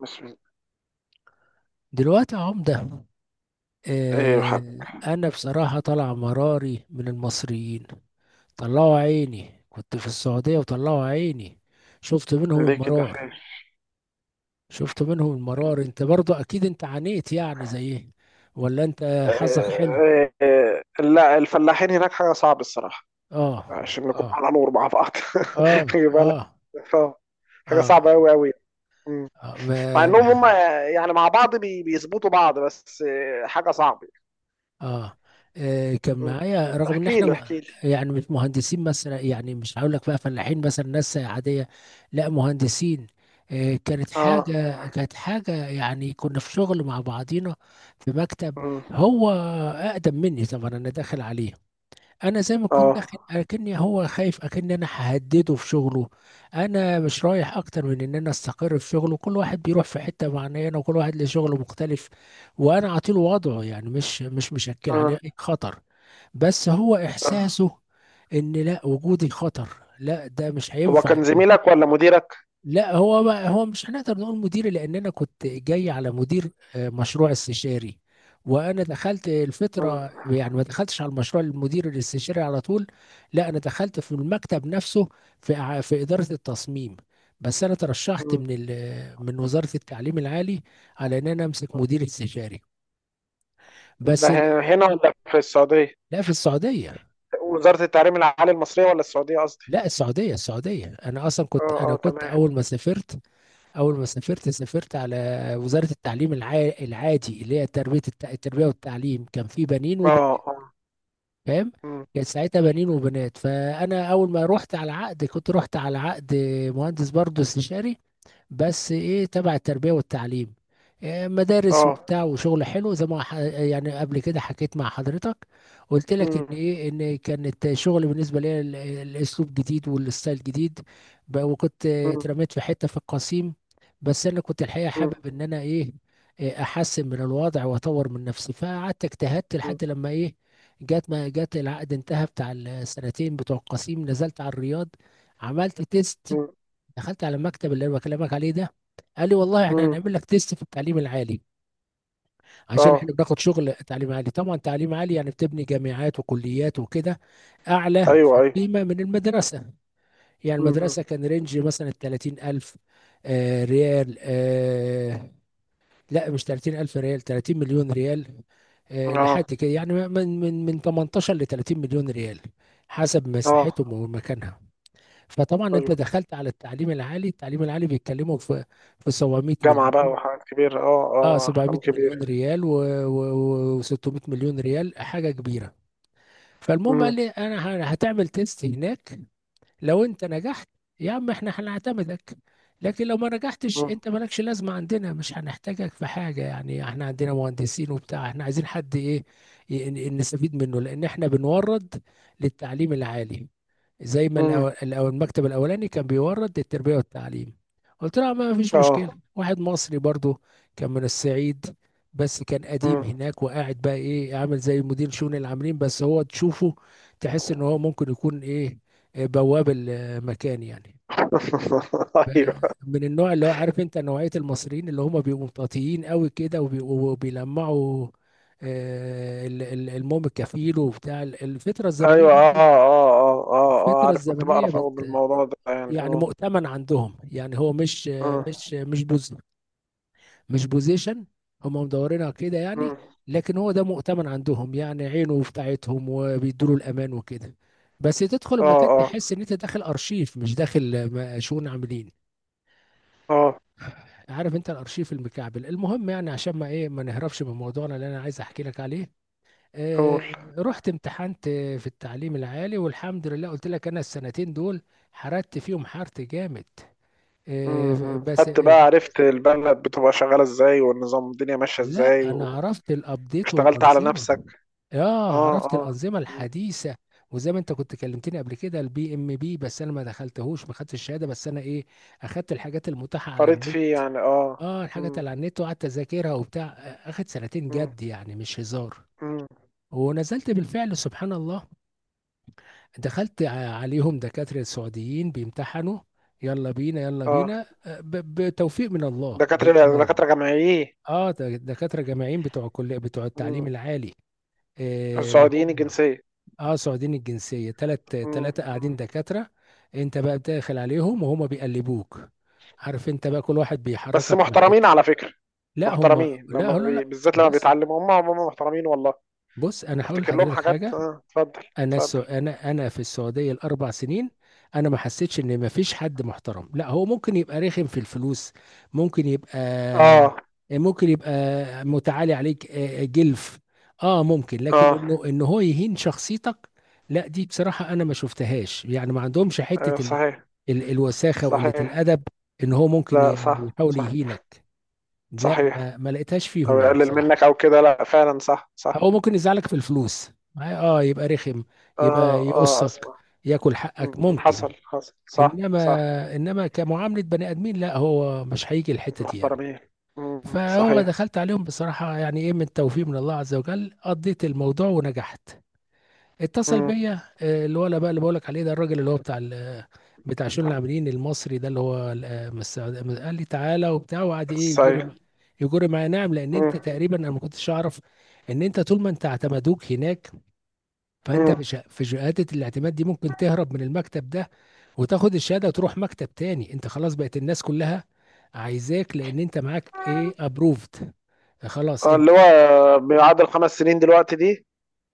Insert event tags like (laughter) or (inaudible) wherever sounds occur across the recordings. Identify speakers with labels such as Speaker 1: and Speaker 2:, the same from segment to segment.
Speaker 1: بسم الله.
Speaker 2: دلوقتي يا عمدة،
Speaker 1: ايوه، حاجة؟
Speaker 2: أنا بصراحة طالع مراري من المصريين. طلعوا عيني، كنت في السعودية وطلعوا عيني. شفت منهم
Speaker 1: ليه كده،
Speaker 2: المرار
Speaker 1: خير؟
Speaker 2: شفت منهم المرار. انت برضو أكيد انت عانيت، يعني زي إيه؟ ولا انت حظك حلو.
Speaker 1: آه، آه، لا، الفلاحين هناك حاجة صعبة الصراحة.
Speaker 2: اه
Speaker 1: عشان نكون
Speaker 2: اه
Speaker 1: على نور مع بعض. (laughs)
Speaker 2: اه
Speaker 1: خلي بالك.
Speaker 2: اه
Speaker 1: آه، حاجة
Speaker 2: اه,
Speaker 1: صعبة أوي أوي. مم. مع
Speaker 2: ما
Speaker 1: إنهم هم يعني مع بعض بيظبطوا بعض، بس حاجة صعبة.
Speaker 2: اه كان
Speaker 1: مم.
Speaker 2: معايا. رغم ان
Speaker 1: احكي
Speaker 2: احنا
Speaker 1: لي، احكي لي.
Speaker 2: يعني مش مهندسين مثلا، يعني مش هقول لك بقى فلاحين مثلا، ناس عادية. لا مهندسين. كانت
Speaker 1: اه.
Speaker 2: حاجة كانت حاجة يعني كنا في شغل مع بعضينا في مكتب.
Speaker 1: مم.
Speaker 2: هو أقدم مني طبعا، أنا داخل عليه. انا زي ما كنت
Speaker 1: اه،
Speaker 2: داخل اكني هو خايف اكني انا ههدده في شغله. انا مش رايح اكتر من ان انا استقر في شغله، كل واحد بيروح في حته معينه، وكل واحد له شغله مختلف، وانا اعطيله وضعه. يعني مش مشكل عليه
Speaker 1: اه.
Speaker 2: اي خطر. بس هو
Speaker 1: آه.
Speaker 2: احساسه ان لا، وجودي خطر، لا ده مش
Speaker 1: هو
Speaker 2: هينفع.
Speaker 1: كان زميلك ولا مديرك؟
Speaker 2: لا هو ما هو مش هنقدر نقول مديري، لان انا كنت جاي على مدير مشروع استشاري. وانا دخلت
Speaker 1: مم.
Speaker 2: الفتره، يعني ما دخلتش على المشروع المدير الاستشاري على طول. لا انا دخلت في المكتب نفسه، في في اداره التصميم. بس انا ترشحت
Speaker 1: مم.
Speaker 2: من وزاره التعليم العالي على ان انا امسك مدير استشاري.
Speaker 1: ده
Speaker 2: بس ال-
Speaker 1: هنا ولا في السعودية؟
Speaker 2: لا في السعوديه.
Speaker 1: وزارة التعليم العالي المصرية ولا السعودية؟
Speaker 2: لا السعوديه، انا اصلا كنت،
Speaker 1: اه،
Speaker 2: انا
Speaker 1: اه،
Speaker 2: كنت
Speaker 1: تمام.
Speaker 2: اول ما سافرت، سافرت على وزاره التعليم العادي، اللي هي تربيه التربيه والتعليم. كان في بنين
Speaker 1: اه،
Speaker 2: وبنات،
Speaker 1: اه.
Speaker 2: فاهم؟
Speaker 1: مم.
Speaker 2: كان ساعتها بنين وبنات. فانا اول ما رحت على عقد، كنت رحت على عقد مهندس برضه استشاري، بس ايه، تبع التربية والتعليم. إيه، مدارس
Speaker 1: اه.
Speaker 2: وبتاع، وشغل حلو. زي ما يعني قبل كده حكيت مع حضرتك، قلت لك ان
Speaker 1: مم.
Speaker 2: ايه، ان كانت شغل بالنسبة لي الاسلوب جديد، والستايل جديد. وكنت
Speaker 1: مم.
Speaker 2: اترميت في حتة في القصيم. بس انا كنت الحقيقة
Speaker 1: مم.
Speaker 2: حابب ان انا ايه، إيه، احسن من الوضع واطور من نفسي. فقعدت اجتهدت
Speaker 1: مم.
Speaker 2: لحد لما ايه، جت ما جت، العقد انتهى بتاع السنتين بتوع القصيم، نزلت على الرياض، عملت تيست،
Speaker 1: مم.
Speaker 2: دخلت على المكتب اللي انا بكلمك عليه ده. قال لي والله احنا
Speaker 1: مم.
Speaker 2: هنعمل لك تيست في التعليم العالي، عشان
Speaker 1: اه.
Speaker 2: احنا بناخد شغل تعليم عالي. طبعا تعليم عالي يعني بتبني جامعات وكليات وكده، اعلى في
Speaker 1: ايوه، ايوه.
Speaker 2: القيمه من المدرسه. يعني
Speaker 1: مم.
Speaker 2: المدرسه كان رينج مثلا 30,000، آه ريال، آه، لا مش 30,000 ريال، 30 مليون ريال. لحد
Speaker 1: اه،
Speaker 2: كده يعني، من 18 ل 30 مليون ريال، حسب
Speaker 1: اه.
Speaker 2: مساحتهم ومكانها. فطبعا انت
Speaker 1: ايوه،
Speaker 2: دخلت على التعليم العالي، التعليم العالي بيتكلموا في 700
Speaker 1: جامعة بقى
Speaker 2: مليون.
Speaker 1: وحاجات كبيرة، اه،
Speaker 2: اه
Speaker 1: اه،
Speaker 2: 700
Speaker 1: ارقام كبيرة.
Speaker 2: مليون ريال و600 مليون ريال، حاجه كبيره. فالمهم قال
Speaker 1: مم.
Speaker 2: لي انا هتعمل تيست هناك. لو انت نجحت، يا عم احنا هنعتمدك. لكن لو ما نجحتش،
Speaker 1: مم.
Speaker 2: انت مالكش لازمه عندنا، مش هنحتاجك في حاجه. يعني احنا عندنا مهندسين وبتاع، احنا عايزين حد ايه، نستفيد منه، لان احنا بنورد للتعليم العالي. زي ما
Speaker 1: مم.
Speaker 2: الأول، المكتب الأولاني كان بيورد التربية والتعليم. قلت لها ما فيش مشكلة.
Speaker 1: اه.
Speaker 2: واحد مصري برضو، كان من الصعيد، بس كان قديم
Speaker 1: مم.
Speaker 2: هناك، وقاعد بقى ايه، عامل زي مدير شؤون العاملين. بس هو تشوفه تحس ان هو ممكن يكون ايه، إيه، بواب المكان يعني. ف-
Speaker 1: (laughs) ايوه،
Speaker 2: من النوع اللي هو، عارف انت نوعية المصريين اللي هم بيبقوا مطاطيين قوي كده، وبيلمعوا. الموم الكفيل، وبتاع الفترة الزمنية
Speaker 1: ايوه. اه،
Speaker 2: برضو.
Speaker 1: اه، اه، اه، اه،
Speaker 2: الفترة
Speaker 1: عارف، كنت
Speaker 2: الزمنية،
Speaker 1: بعرف قوي بالموضوع ده يعني،
Speaker 2: يعني
Speaker 1: اه.
Speaker 2: مؤتمن عندهم، يعني هو مش،
Speaker 1: اه.
Speaker 2: مش بوز، مش بوزيشن، هم مدورينها كده يعني.
Speaker 1: مم.
Speaker 2: لكن هو ده مؤتمن عندهم، يعني عينه بتاعتهم، وبيدوا له الامان وكده. بس تدخل
Speaker 1: اه،
Speaker 2: المكان
Speaker 1: اه،
Speaker 2: تحس ان انت داخل ارشيف، مش داخل شؤون عاملين.
Speaker 1: اه،
Speaker 2: عارف انت الارشيف المكعبل. المهم، يعني عشان ما ايه، ما نهربش من موضوعنا اللي انا عايز احكي لك عليه.
Speaker 1: قول.
Speaker 2: آه رحت امتحنت في التعليم العالي والحمد لله. قلت لك انا السنتين دول حرقت فيهم، حرت جامد.
Speaker 1: مم.
Speaker 2: آه،
Speaker 1: مم.
Speaker 2: بس
Speaker 1: خدت بقى، عرفت البلد بتبقى شغالة ازاي والنظام الدنيا ماشية
Speaker 2: لا
Speaker 1: ازاي
Speaker 2: انا
Speaker 1: و
Speaker 2: عرفت الابديت
Speaker 1: اشتغلت على
Speaker 2: والانظمه.
Speaker 1: نفسك.
Speaker 2: اه
Speaker 1: اه،
Speaker 2: عرفت
Speaker 1: اه.
Speaker 2: الانظمه
Speaker 1: مم.
Speaker 2: الحديثه. وزي ما انت كنت كلمتني قبل كده، البي ام بي، بس انا ما دخلتهوش، ما خدتش الشهاده، بس انا ايه، اخدت الحاجات المتاحه على
Speaker 1: قريت
Speaker 2: النت.
Speaker 1: فيه يعني، اه.
Speaker 2: اه الحاجات
Speaker 1: مم.
Speaker 2: اللي على النت، وقعدت اذاكرها وبتاع. اخد سنتين
Speaker 1: مم.
Speaker 2: جد يعني، مش هزار.
Speaker 1: مم.
Speaker 2: ونزلت بالفعل، سبحان الله. دخلت عليهم دكاتره سعوديين بيمتحنوا. يلا بينا يلا
Speaker 1: اه.
Speaker 2: بينا، بتوفيق من الله
Speaker 1: دكاترة،
Speaker 2: بالامانه.
Speaker 1: دكاترة جامعيين.
Speaker 2: اه دكاتره جامعيين، بتوع كل بتوع التعليم
Speaker 1: مم.
Speaker 2: العالي، إيه اللي
Speaker 1: السعوديين
Speaker 2: هم،
Speaker 1: الجنسية؟
Speaker 2: اه سعوديين الجنسيه. تلات
Speaker 1: مم.
Speaker 2: تلاته
Speaker 1: مم.
Speaker 2: قاعدين دكاتره. انت بقى داخل عليهم وهم بيقلبوك، عارف انت بقى كل واحد
Speaker 1: بس
Speaker 2: بيحركك من
Speaker 1: محترمين
Speaker 2: حته.
Speaker 1: على فكرة.
Speaker 2: لا هم،
Speaker 1: محترمين لما
Speaker 2: لا لا لا.
Speaker 1: بالذات لما
Speaker 2: بص
Speaker 1: بيتعلموا هم محترمين والله.
Speaker 2: بص، انا هقول
Speaker 1: افتكر لهم
Speaker 2: لحضرتك
Speaker 1: حاجات،
Speaker 2: حاجه.
Speaker 1: اه، اتفضل. اتفضل.
Speaker 2: انا في السعوديه الاربع سنين، انا ما حسيتش ان ما فيش حد محترم. لا، هو ممكن يبقى رخم في الفلوس، ممكن يبقى
Speaker 1: اه،
Speaker 2: ممكن يبقى متعالي عليك، جلف، اه ممكن. لكن
Speaker 1: اه.
Speaker 2: انه ان هو يهين شخصيتك، لا دي بصراحه انا ما شفتهاش. يعني ما عندهمش
Speaker 1: ايوه،
Speaker 2: حته
Speaker 1: صحيح.
Speaker 2: الوساخه وقله
Speaker 1: صحيح.
Speaker 2: الادب، ان هو ممكن
Speaker 1: لا، صح،
Speaker 2: يحاول
Speaker 1: صح.
Speaker 2: يهينك. لا
Speaker 1: صحيح.
Speaker 2: ما لقيتهاش
Speaker 1: او
Speaker 2: فيهم يعني
Speaker 1: يقلل منك
Speaker 2: بصراحه.
Speaker 1: او كده، لا، فعلا صح، صح.
Speaker 2: هو ممكن يزعلك في الفلوس، اه، يبقى رخم، يبقى
Speaker 1: اه، اه،
Speaker 2: يقصك،
Speaker 1: اسمع.
Speaker 2: ياكل
Speaker 1: مم.
Speaker 2: حقك ممكن.
Speaker 1: حصل، حصل، صح،
Speaker 2: انما،
Speaker 1: صح.
Speaker 2: انما كمعامله بني ادمين، لا هو مش هيجي الحته دي يعني.
Speaker 1: محترمين. مم.
Speaker 2: فهو
Speaker 1: صحيح.
Speaker 2: دخلت عليهم بصراحه، يعني ايه، من توفيق من الله عز وجل قضيت الموضوع ونجحت. اتصل
Speaker 1: مم.
Speaker 2: بيا، الولا بقى اللي بقولك عليه ده، الراجل اللي هو بتاع بتاع شؤون العاملين المصري ده، اللي هو قال لي تعالى وبتاع، وقعد ايه،
Speaker 1: صحيح.
Speaker 2: يجر معايا. نعم، لان انت
Speaker 1: مم.
Speaker 2: تقريبا، انا ما كنتش اعرف ان انت طول ما انت اعتمدوك هناك، فانت
Speaker 1: مم.
Speaker 2: في شهاده الاعتماد دي ممكن تهرب من المكتب ده، وتاخد الشهاده وتروح مكتب تاني. انت خلاص بقت الناس كلها عايزاك، لان انت معاك ايه، ابروفد. خلاص انت.
Speaker 1: اللي هو بيعادل خمس سنين دلوقتي دي.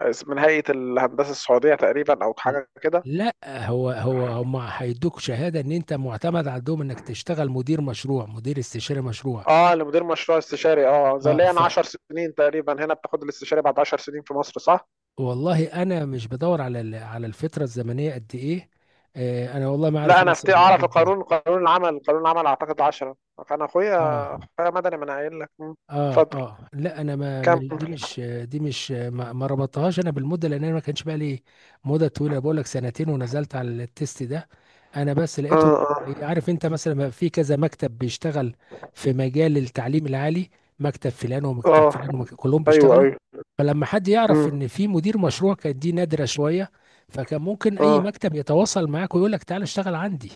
Speaker 1: من هيئة الهندسة السعودية تقريبا أو حاجة كده.
Speaker 2: لا، هو هو هم هيدوك شهاده ان انت معتمد عندهم، انك تشتغل مدير مشروع، مدير استشاري مشروع.
Speaker 1: اه، لمدير مشروع استشاري، اه، زي
Speaker 2: اه
Speaker 1: اللي
Speaker 2: ف
Speaker 1: انا 10 سنين تقريبا هنا بتاخد الاستشاري بعد 10 سنين في مصر، صح؟
Speaker 2: والله انا مش بدور على الفتره الزمنيه قد ايه. آه انا والله ما عارف
Speaker 1: لا، انا
Speaker 2: مصر
Speaker 1: افتي، اعرف
Speaker 2: بيقعدوا قد ايه.
Speaker 1: القانون، قانون العمل، قانون العمل اعتقد 10. كان اخويا،
Speaker 2: اه
Speaker 1: اخويا مدني، ما انا قايل لك. مم. اتفضل.
Speaker 2: اه لا انا
Speaker 1: كمل.
Speaker 2: دي مش، دي مش، ما ربطتهاش انا بالمده، لان انا ما كانش بقى لي مده طويله. بقول لك سنتين ونزلت على التيست ده. انا بس لقيتهم،
Speaker 1: اه، اه،
Speaker 2: عارف انت مثلا، ما في كذا مكتب بيشتغل في مجال التعليم العالي، مكتب فلان ومكتب
Speaker 1: اه.
Speaker 2: فلان ومكتب، كلهم
Speaker 1: ايوه،
Speaker 2: بيشتغلوا.
Speaker 1: ايوه.
Speaker 2: فلما حد يعرف
Speaker 1: مم.
Speaker 2: ان في مدير مشروع، كانت دي نادره شويه. فكان ممكن اي
Speaker 1: اه.
Speaker 2: مكتب يتواصل معاك ويقول لك تعالى اشتغل عندي.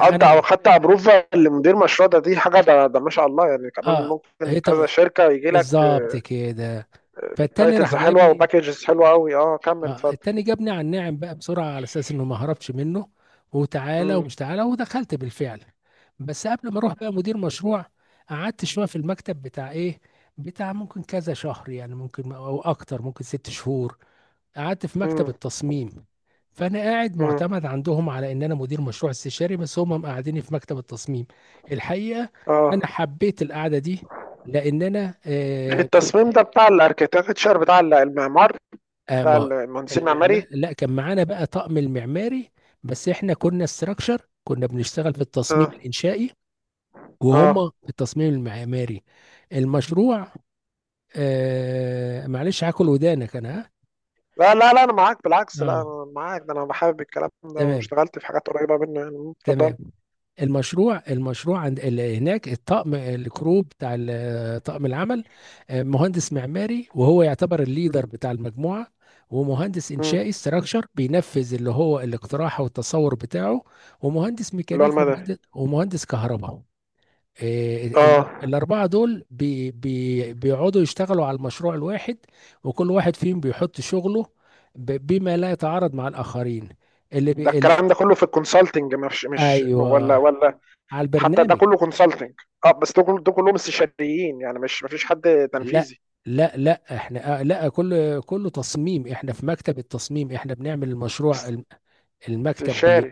Speaker 1: انت او
Speaker 2: انا
Speaker 1: حتى ابروفا لمدير مشروع ده، دي حاجه، ده ما شاء الله، يعني كمان
Speaker 2: اه
Speaker 1: ممكن
Speaker 2: هي-
Speaker 1: كذا شركه يجي لك.
Speaker 2: بالظبط كده. فالتاني راح
Speaker 1: تايتلز حلوه
Speaker 2: جايبني.
Speaker 1: وباكجز حلوه قوي، اه، كمل، اتفضل.
Speaker 2: التاني جابني على الناعم بقى بسرعة، على أساس إنه ما هربش منه. وتعالى
Speaker 1: امم.
Speaker 2: ومش تعالى، ودخلت بالفعل. بس قبل ما أروح بقى مدير مشروع، قعدت شوية في المكتب بتاع إيه، بتاع ممكن كذا شهر يعني، ممكن أو أكتر، ممكن ست شهور. قعدت في
Speaker 1: امم.
Speaker 2: مكتب التصميم، فأنا قاعد
Speaker 1: امم.
Speaker 2: معتمد عندهم على إن أنا مدير مشروع استشاري، بس هم مقعديني في مكتب التصميم. الحقيقة أنا
Speaker 1: اه.
Speaker 2: حبيت القعدة دي، لأن أنا
Speaker 1: التصميم ده بتاع الاركيتكتشر بتاع المعمار.
Speaker 2: آه
Speaker 1: بتاع
Speaker 2: ما
Speaker 1: المهندسين المعماري.
Speaker 2: المعمار. لا، كان معانا بقى طقم المعماري، بس احنا كنا استراكشر، كنا بنشتغل في التصميم
Speaker 1: اه،
Speaker 2: الانشائي،
Speaker 1: اه،
Speaker 2: وهم في التصميم المعماري. المشروع، آه معلش هاكل ودانك انا. ها،
Speaker 1: لا، لا، لا، انا معاك، بالعكس، لا
Speaker 2: اه،
Speaker 1: انا معاك، ده انا بحب الكلام ده
Speaker 2: تمام
Speaker 1: واشتغلت في حاجات قريبه منه يعني، اتفضل.
Speaker 2: تمام. المشروع عند اللي هناك، الطقم الكرو بتاع طقم العمل، مهندس معماري، وهو يعتبر الليدر
Speaker 1: مم.
Speaker 2: بتاع المجموعة، ومهندس
Speaker 1: مم.
Speaker 2: إنشائي استراكشر بينفذ اللي هو الاقتراح والتصور بتاعه، ومهندس
Speaker 1: اللي هو
Speaker 2: ميكانيكا،
Speaker 1: المدني.
Speaker 2: ومهندس كهرباء.
Speaker 1: اه،
Speaker 2: الأربعة دول بي بيقعدوا يشتغلوا على المشروع الواحد. وكل واحد فيهم بيحط شغله بما لا يتعارض مع الآخرين، اللي
Speaker 1: ده الكلام ده كله في الكونسلتنج، مش ولا
Speaker 2: ايوه
Speaker 1: ولا
Speaker 2: على
Speaker 1: حتى ده
Speaker 2: البرنامج.
Speaker 1: كله كونسلتنج. اه، بس ده كله، ده كلهم استشاريين يعني، مش مفيش حد
Speaker 2: لا
Speaker 1: تنفيذي.
Speaker 2: لا لا احنا، لا كله كله تصميم، احنا في مكتب التصميم، احنا بنعمل المشروع المكتب بي
Speaker 1: استشاري.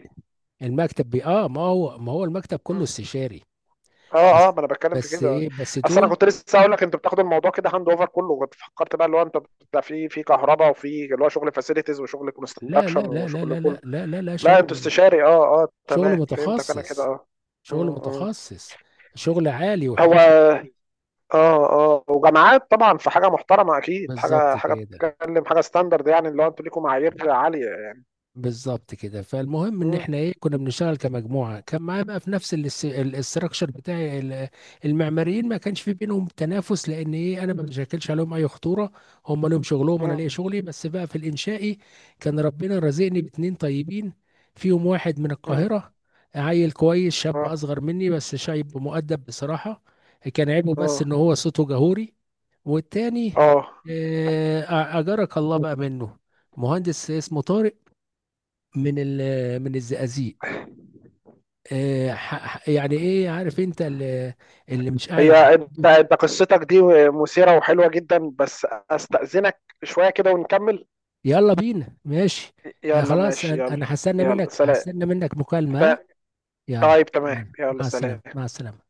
Speaker 2: المكتب بي، اه ما هو المكتب كله
Speaker 1: مم.
Speaker 2: استشاري.
Speaker 1: اه، اه،
Speaker 2: بس
Speaker 1: ما انا بتكلم في
Speaker 2: بس
Speaker 1: كده.
Speaker 2: ايه، بس
Speaker 1: اصل انا
Speaker 2: دول،
Speaker 1: كنت لسه هقول لك انتوا بتاخدوا الموضوع كده هاند اوفر كله، كنت فكرت بقى اللي هو انت بتاع في كهرباء وفي اللي هو شغل فاسيلتيز وشغل كونستراكشن وشغل كله.
Speaker 2: لا
Speaker 1: لا، انتوا
Speaker 2: شغل،
Speaker 1: استشاري، اه، اه،
Speaker 2: شغل
Speaker 1: تمام، فهمتك انا كده،
Speaker 2: متخصص
Speaker 1: اه.
Speaker 2: شغل
Speaker 1: مم. مم.
Speaker 2: متخصص، شغل عالي وحلو.
Speaker 1: هو. اه، اه، وجامعات طبعا في حاجه محترمه اكيد،
Speaker 2: بالظبط
Speaker 1: حاجه، حاجه
Speaker 2: كده،
Speaker 1: بتتكلم حاجه ستاندرد يعني، اللي هو انتوا ليكم معايير عاليه يعني.
Speaker 2: بالظبط كده. فالمهم ان
Speaker 1: مم.
Speaker 2: احنا ايه، كنا بنشتغل كمجموعه. كان معايا بقى في نفس الاستراكشر بتاعي المعماريين ما كانش في بينهم تنافس، لان ايه، انا ما بشكلش عليهم اي خطوره. هم لهم شغلهم وانا
Speaker 1: مم.
Speaker 2: ليا شغلي. بس بقى في الانشائي، كان ربنا رزقني باتنين طيبين. فيهم واحد من
Speaker 1: مم.
Speaker 2: القاهره، عيل كويس، شاب
Speaker 1: اه،
Speaker 2: اصغر مني بس شايب، مؤدب بصراحه. كان عيبه بس
Speaker 1: اه،
Speaker 2: ان هو صوته جهوري. والتاني،
Speaker 1: اه،
Speaker 2: آه، اجرك الله بقى منه، مهندس اسمه طارق من ال من الزقازيق. يعني ايه، عارف انت اللي مش قاعد على
Speaker 1: هي انت
Speaker 2: بعضه.
Speaker 1: انت قصتك دي مثيرة وحلوة جدا، بس استأذنك شوية كده ونكمل.
Speaker 2: يلا بينا ماشي، آه
Speaker 1: يلا،
Speaker 2: خلاص
Speaker 1: ماشي،
Speaker 2: أنا
Speaker 1: يلا.
Speaker 2: هستنى
Speaker 1: يلا،
Speaker 2: منك،
Speaker 1: سلام.
Speaker 2: هستنى منك مكالمة، آه؟
Speaker 1: ف-
Speaker 2: يلا
Speaker 1: طيب، تمام،
Speaker 2: يلا،
Speaker 1: يلا،
Speaker 2: مع السلامة،
Speaker 1: سلام.
Speaker 2: مع السلامة.